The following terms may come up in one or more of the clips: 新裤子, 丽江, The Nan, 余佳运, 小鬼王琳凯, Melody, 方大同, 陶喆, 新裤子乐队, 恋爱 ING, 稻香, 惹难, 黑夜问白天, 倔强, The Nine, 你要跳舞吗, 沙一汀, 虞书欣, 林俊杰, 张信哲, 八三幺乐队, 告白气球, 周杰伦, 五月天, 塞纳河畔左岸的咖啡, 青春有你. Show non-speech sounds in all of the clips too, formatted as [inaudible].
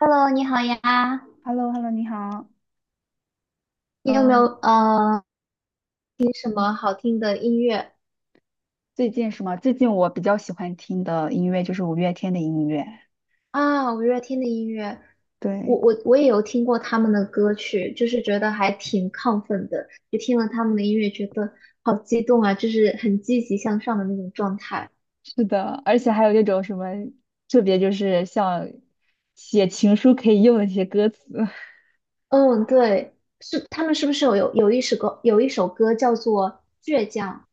Hello，你好呀，h e l l o 你好。你有没有嗯。听什么好听的音乐最近是吗？最近我比较喜欢听的音乐就是五月天的音乐。啊？五月天的音乐，我对，我我也有听过他们的歌曲，就是觉得还挺亢奋的，就听了他们的音乐，觉得好激动啊，就是很积极向上的那种状态。是的，而且还有那种什么特别，就是像写情书可以用的一些歌词。[laughs] 嗯，对，是他们是不是有一首歌叫做《倔强》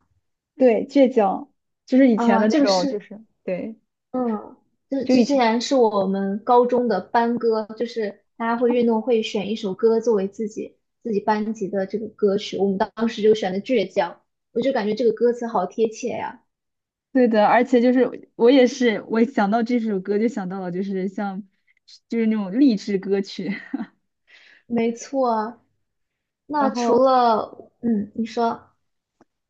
对，倔强，就是以前啊？的那这个种，就是。是对，嗯，这就这以竟前然是我们高中的班歌，就是大家会运动会选一首歌作为自己班级的这个歌曲，我们当时就选的《倔强》，我就感觉这个歌词好贴切呀。对的，而且就是我也是，我想到这首歌就想到了，就是像就是那种励志歌曲。[laughs] 没错啊，然那除后了你说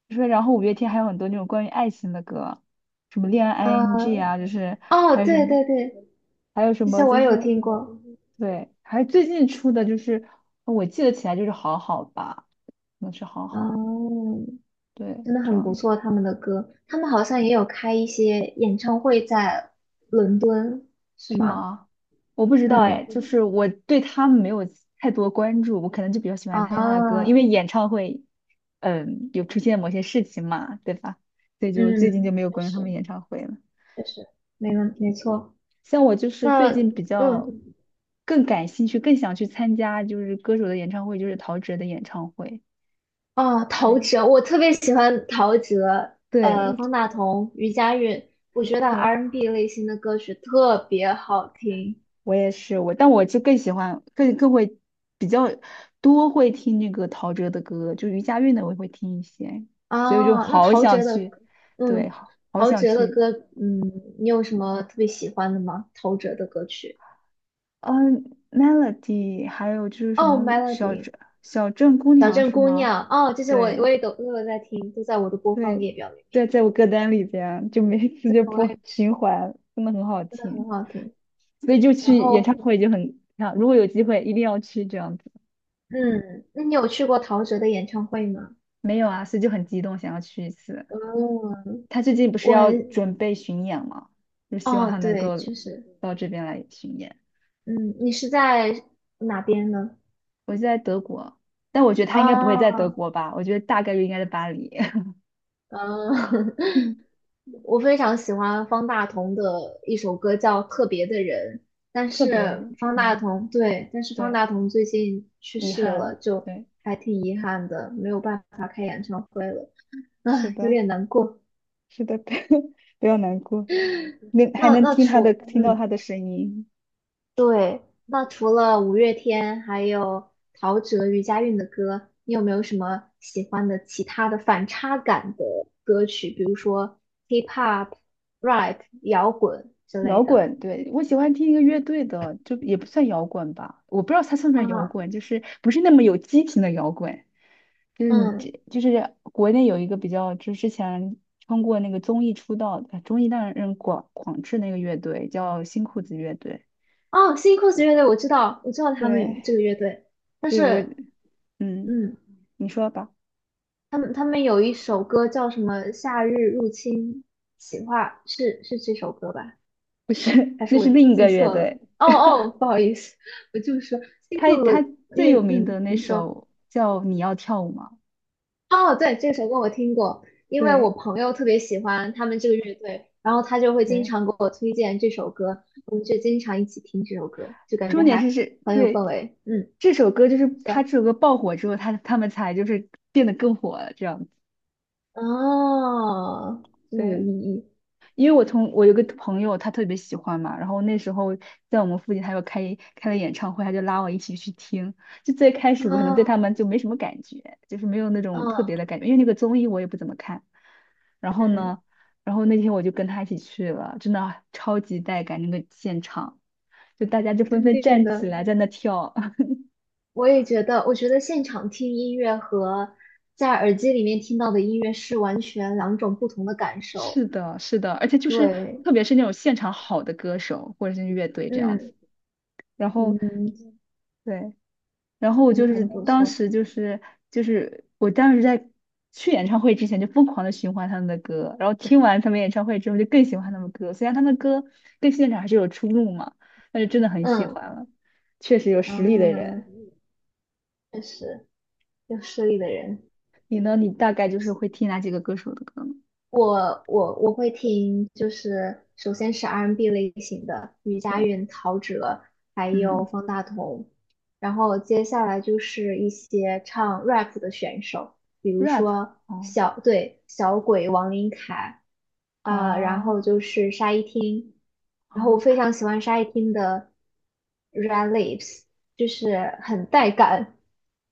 就是然后五月天还有很多那种关于爱情的歌，什么恋爱 啊，ING 啊，就是哦，还有什对么对对，这些我就也有是听过，对，还有最近出的就是我记得起来就是好好吧，那是好好，嗯，对，真的这很不样错，他们的歌，他们好像也有开一些演唱会在伦敦，是是吗？吗？我不知道哎，就嗯。是我对他们没有太多关注，我可能就比较喜欢听他的歌，因啊，为演唱会，嗯，有出现某些事情嘛，对吧？所以就最近就嗯，没有确关注他实，们演唱会了。确实，没错。像我就是最那，近比较嗯，更感兴趣，更想去参加就是歌手的演唱会，就是陶喆的演唱会。哦，陶对喆，我特别喜欢陶喆，对方大同、余佳运，我觉得 对，R&B N 类型的歌曲特别好听我也是我，但我就更喜欢更会比较多会听那个陶喆的歌，就余佳运的我也会听一些，所以我就啊。那好陶想喆的去，歌，对，嗯，好好陶想喆的去。歌，嗯，你有什么特别喜欢的吗？陶喆的歌曲？嗯，Melody，还有就是什哦么小，Melody、镇小镇姑小娘镇是姑吗？娘，哦，这些我对。也都有在听，都在我的播放对，列表里面。对，在我歌单里边，就每次这就个我播也情是，怀》，真的很好真的很听，好听。所以就然去演后唱会就很，啊，如果有机会一定要去这样子。嗯，那你有去过陶喆的演唱会吗？没有啊，所以就很激动，想要去一次。哦，他最近不是要准备巡演嘛，就希望哦，他能对，够确实，到这边来巡演。嗯，你是在哪边呢？我就在德国，但我觉得他啊，应该不会在德国吧，我觉得大概率应该在巴黎。[laughs] 嗯，[laughs] 嗯，我非常喜欢方大同的一首歌叫《特别的人》，但特是别，方大嗯，同，对，但是方对，大同最近去遗世了，憾，就对，还挺遗憾的，没有办法开演唱会了，啊，是有的，点难过。是的，[laughs] 不要难过。那还那能那听他除，的，听到嗯。他的声音。对，那除了五月天，还有陶喆、余佳运的歌，你有没有什么喜欢的其他的反差感的歌曲？比如说 hip hop、rap、摇滚之类摇的。滚，对，我喜欢听一个乐队的，就也不算摇滚吧，我不知道它算不算摇啊，滚，就是不是那么有激情的摇滚，就是你嗯，这就是国内有一个比较，就是之前通过那个综艺出道的，综艺让人广志那个乐队叫新裤子乐队，哦，新 cos 乐队我知道，我知道他们这对，个乐队，但对我，是，嗯，嗯，你说吧，他们有一首歌叫什么《夏日入侵》，企划是这首歌吧？不是，还 [laughs] 那是我是另一记个乐错了？队，哦哦，不好意思，我就说新裤他子他的，因最为有名的那你说首叫《你要跳舞吗》，哦，对，这首歌我听过，因为我对，朋友特别喜欢他们这个乐队，然后他就会经对。常给我推荐这首歌，我们就经常一起听这首歌，就感觉重点是还这很有氛对围。嗯，这首歌，就是是他的，这首歌爆火之后，他们才就是变得更火了这样子。哦，这么有意对，义因为我有个朋友，他特别喜欢嘛，然后那时候在我们附近，他有开了演唱会，他就拉我一起去听。就最开始我可能对他啊，们就没什么感觉，就是没有那种特嗯别的感觉，因为那个综艺我也不怎么看。然后嗯，呢，然后那天我就跟他一起去了，真的超级带感，那个现场就大家就纷肯纷定站起的，来在那跳。我也觉得，我觉得现场听音乐和在耳机里面听到的音乐是完全两种不同的感受。是的，是的，而且就是对，特别是那种现场好的歌手或者是乐队这样子，嗯然后嗯，对，然后我真的就是很不当错。时就是我当时在去演唱会之前就疯狂的循环他们的歌，然后听完他们演唱会之后就更喜欢他们歌，虽然他们歌跟现场还是有出入嘛，但是真的很喜欢嗯了，确实有实力的嗯，人。确实，有实力的人。你呢？你大概就是会听哪几个歌手的歌呢？我会听，就是首先是 R&B 类型的余佳对，运、陶喆，还有嗯方大同，然后接下来就是一些唱 rap 的选手，比如，rap，说哦，小，对，小鬼王琳凯，啊、然啊，后就是沙一汀，然后我非哦。常喜欢沙一汀的《Red Lips》，就是很带感，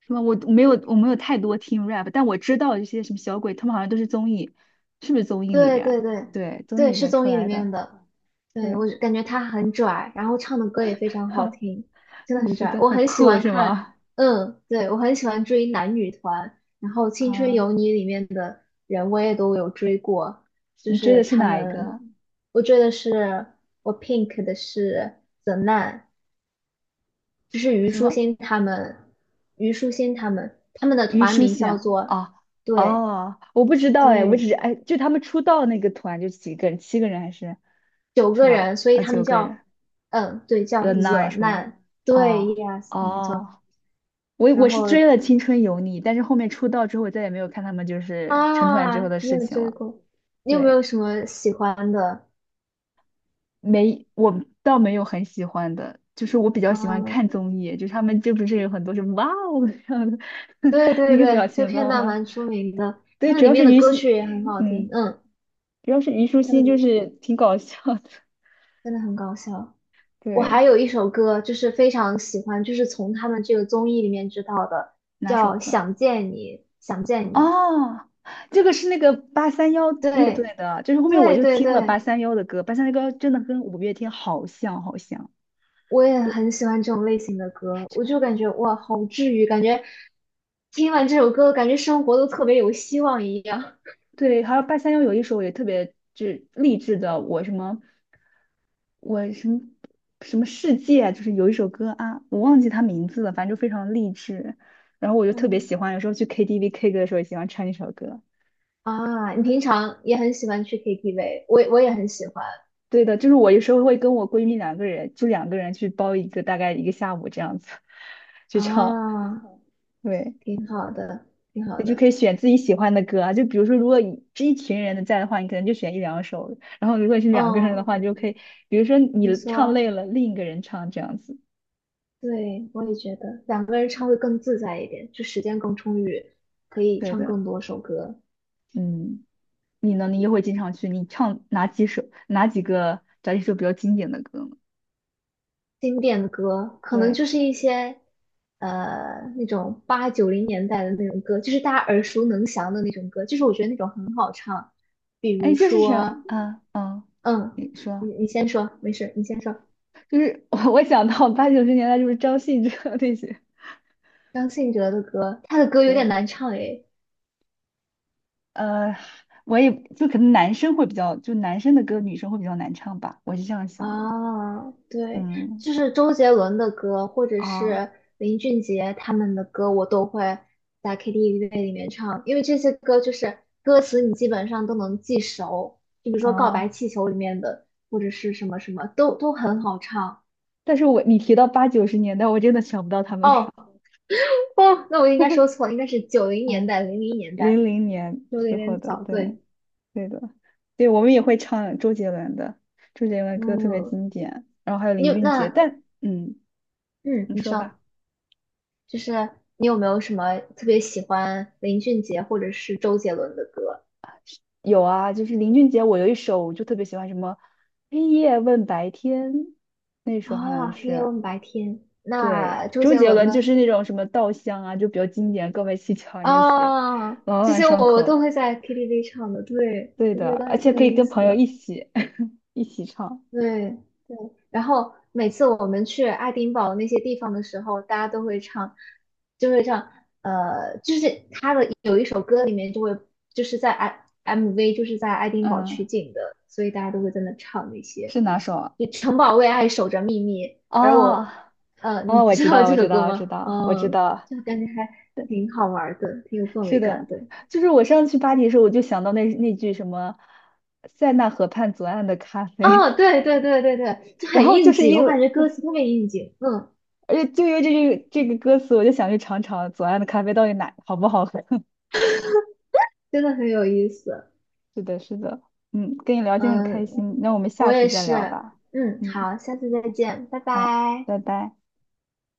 什么？我没有太多听 rap，但我知道一些什么小鬼，他们好像都是综艺，是不是综艺里对边儿对对对，综艺对，里是边出综艺里来的。面的。对，对，我感觉他很拽，然后唱的歌也非常好听，真的 [laughs] 很是拽。的，我很很喜酷欢是看，吗？嗯，对，我很喜欢追男女团，然后《青春有啊，你》里面的人我也都有追过，就你追是的是他哪一们，个？我追的是我 Pink 的是 The Nan，就是虞什书么？欣他们，虞书欣他们，他们的虞团书名欣叫啊？做，啊，对哦，我不知道哎，我对，只是哎，就他们出道那个团就几个人，七个人还是九是个人，吧？所以啊，他九们个人叫，嗯，对，叫，The Nine 惹是吗？难，对哦，yes，没错。哦我然我是后追了《青春有你》，但是后面出道之后，我再也没有看他们就是成团之啊，后的你事有情追了。过？你有没有对，什么喜欢的？没，我倒没有很喜欢的，就是我比较喜欢看嗯，综艺，就是他们就不是有很多是哇哦这样的 [laughs] 对那对个表对，这情片包段吗？蛮出名的，对，他们主里要是面的虞歌曲兮，也很好听，嗯，嗯，主要是虞书他欣，就们是挺搞笑的。真的很搞笑。我还对，有一首歌就是非常喜欢，就是从他们这个综艺里面知道的，哪首叫歌？《想见你》，想见你，哦，这个是那个八三幺乐队对的，就是后面我对就对听了对。八三幺的歌，八三幺的歌真的跟五月天好像，好像。我也就。很喜欢这种类型的歌，我就感觉哇，好治愈，感觉听完这首歌，感觉生活都特别有希望一样。对，还有八三幺有一首也特别就是励志的，我什么我什么什么世界啊，就是有一首歌啊，我忘记它名字了，反正就非常励志。然后我 [laughs] 就特别嗯，喜欢，有时候去 KTV K 歌的时候也喜欢唱一首歌。啊，你平常也很喜欢去 KTV，我也很喜欢对的，就是我有时候会跟我闺蜜两个人，就两个人去包一个大概一个下午这样子，[laughs] 去唱。啊，对。挺好的，挺好你就的。可以选自己喜欢的歌啊，就比如说，如果你是一群人的在的话，你可能就选一两首；然后如果是两个人的哦，话，你就可以，比如说没你唱错，累了，另一个人唱这样子。对，我也觉得两个人唱会更自在一点，就时间更充裕，可以对唱的，更多首歌。嗯，你呢？你也会经常去，你唱哪几首、哪几个找几首比较经典的歌呢？经典的歌，可能对，就是一些那种八九零年代的那种歌，就是大家耳熟能详的那种歌，就是我觉得那种很好唱，比哎，如就是什说，啊，嗯，嗯，你说，你先说，没事，你先说，就是我想到八九十年代就是张信哲那些，张信哲的歌，他的歌有点对，难唱诶，呃，我也就可能男生会比较，就男生的歌女生会比较难唱吧，我是这样想的。啊，对，嗯，就是周杰伦的歌，或者啊，是林俊杰他们的歌，我都会在 KTV 里面唱，因为这些歌就是歌词你基本上都能记熟，就比如说《告白啊！气球》里面的，或者是什么什么，都很好唱。但是你提到八九十年代，我真的想不到他们俩。哦哦，那我应该说错了，应该是九零年嗯，代、零零年零代，零年说的有之后点的，早，对，对。对的，对，我们也会唱周杰伦的，周杰伦的歌特别嗯，经典，然后还有你林有俊杰，那但嗯，嗯，你你说说，吧。就是你有没有什么特别喜欢林俊杰或者是周杰伦的歌？有啊，就是林俊杰，我有一首我就特别喜欢，什么黑夜问白天，那首好像哦，黑夜是。问白天，对，那周周杰杰伦伦就呢？是那种什么稻香啊，就比较经典，告白气球巧那些，啊，朗这朗些上我口。都会在 KTV 唱的，对，对我的，觉得而还且挺有可以意跟思朋友的，一起 [laughs] 一起唱。对对。然后每次我们去爱丁堡那些地方的时候，大家都会唱，就会唱，就是他的有一首歌里面就会就是在 MV 就是在爱丁堡嗯，取景的，所以大家都会在那唱那些。是哪首啊？就城堡为爱守着秘密，而哦我，你哦，我知知道道，这我首知歌道，我知吗？道，我知嗯，道，就感觉还挺好玩的，挺有氛围是感的，的。就是我上次去巴黎的时候，我就想到那句什么"塞纳河畔左岸的咖哦，啡"，对对对对对，就 [laughs] 然很后就应是景，我因为，感觉歌词特别应景，嗯，而且就因为这句这个歌词，我就想去尝尝左岸的咖啡到底哪好不好喝。真的很有意思，[laughs] 是的，是的，嗯，跟你聊天很开心，嗯，那我们我下次也再聊是，吧。嗯，嗯，好，下次再嗯见，拜好，拜。拜拜。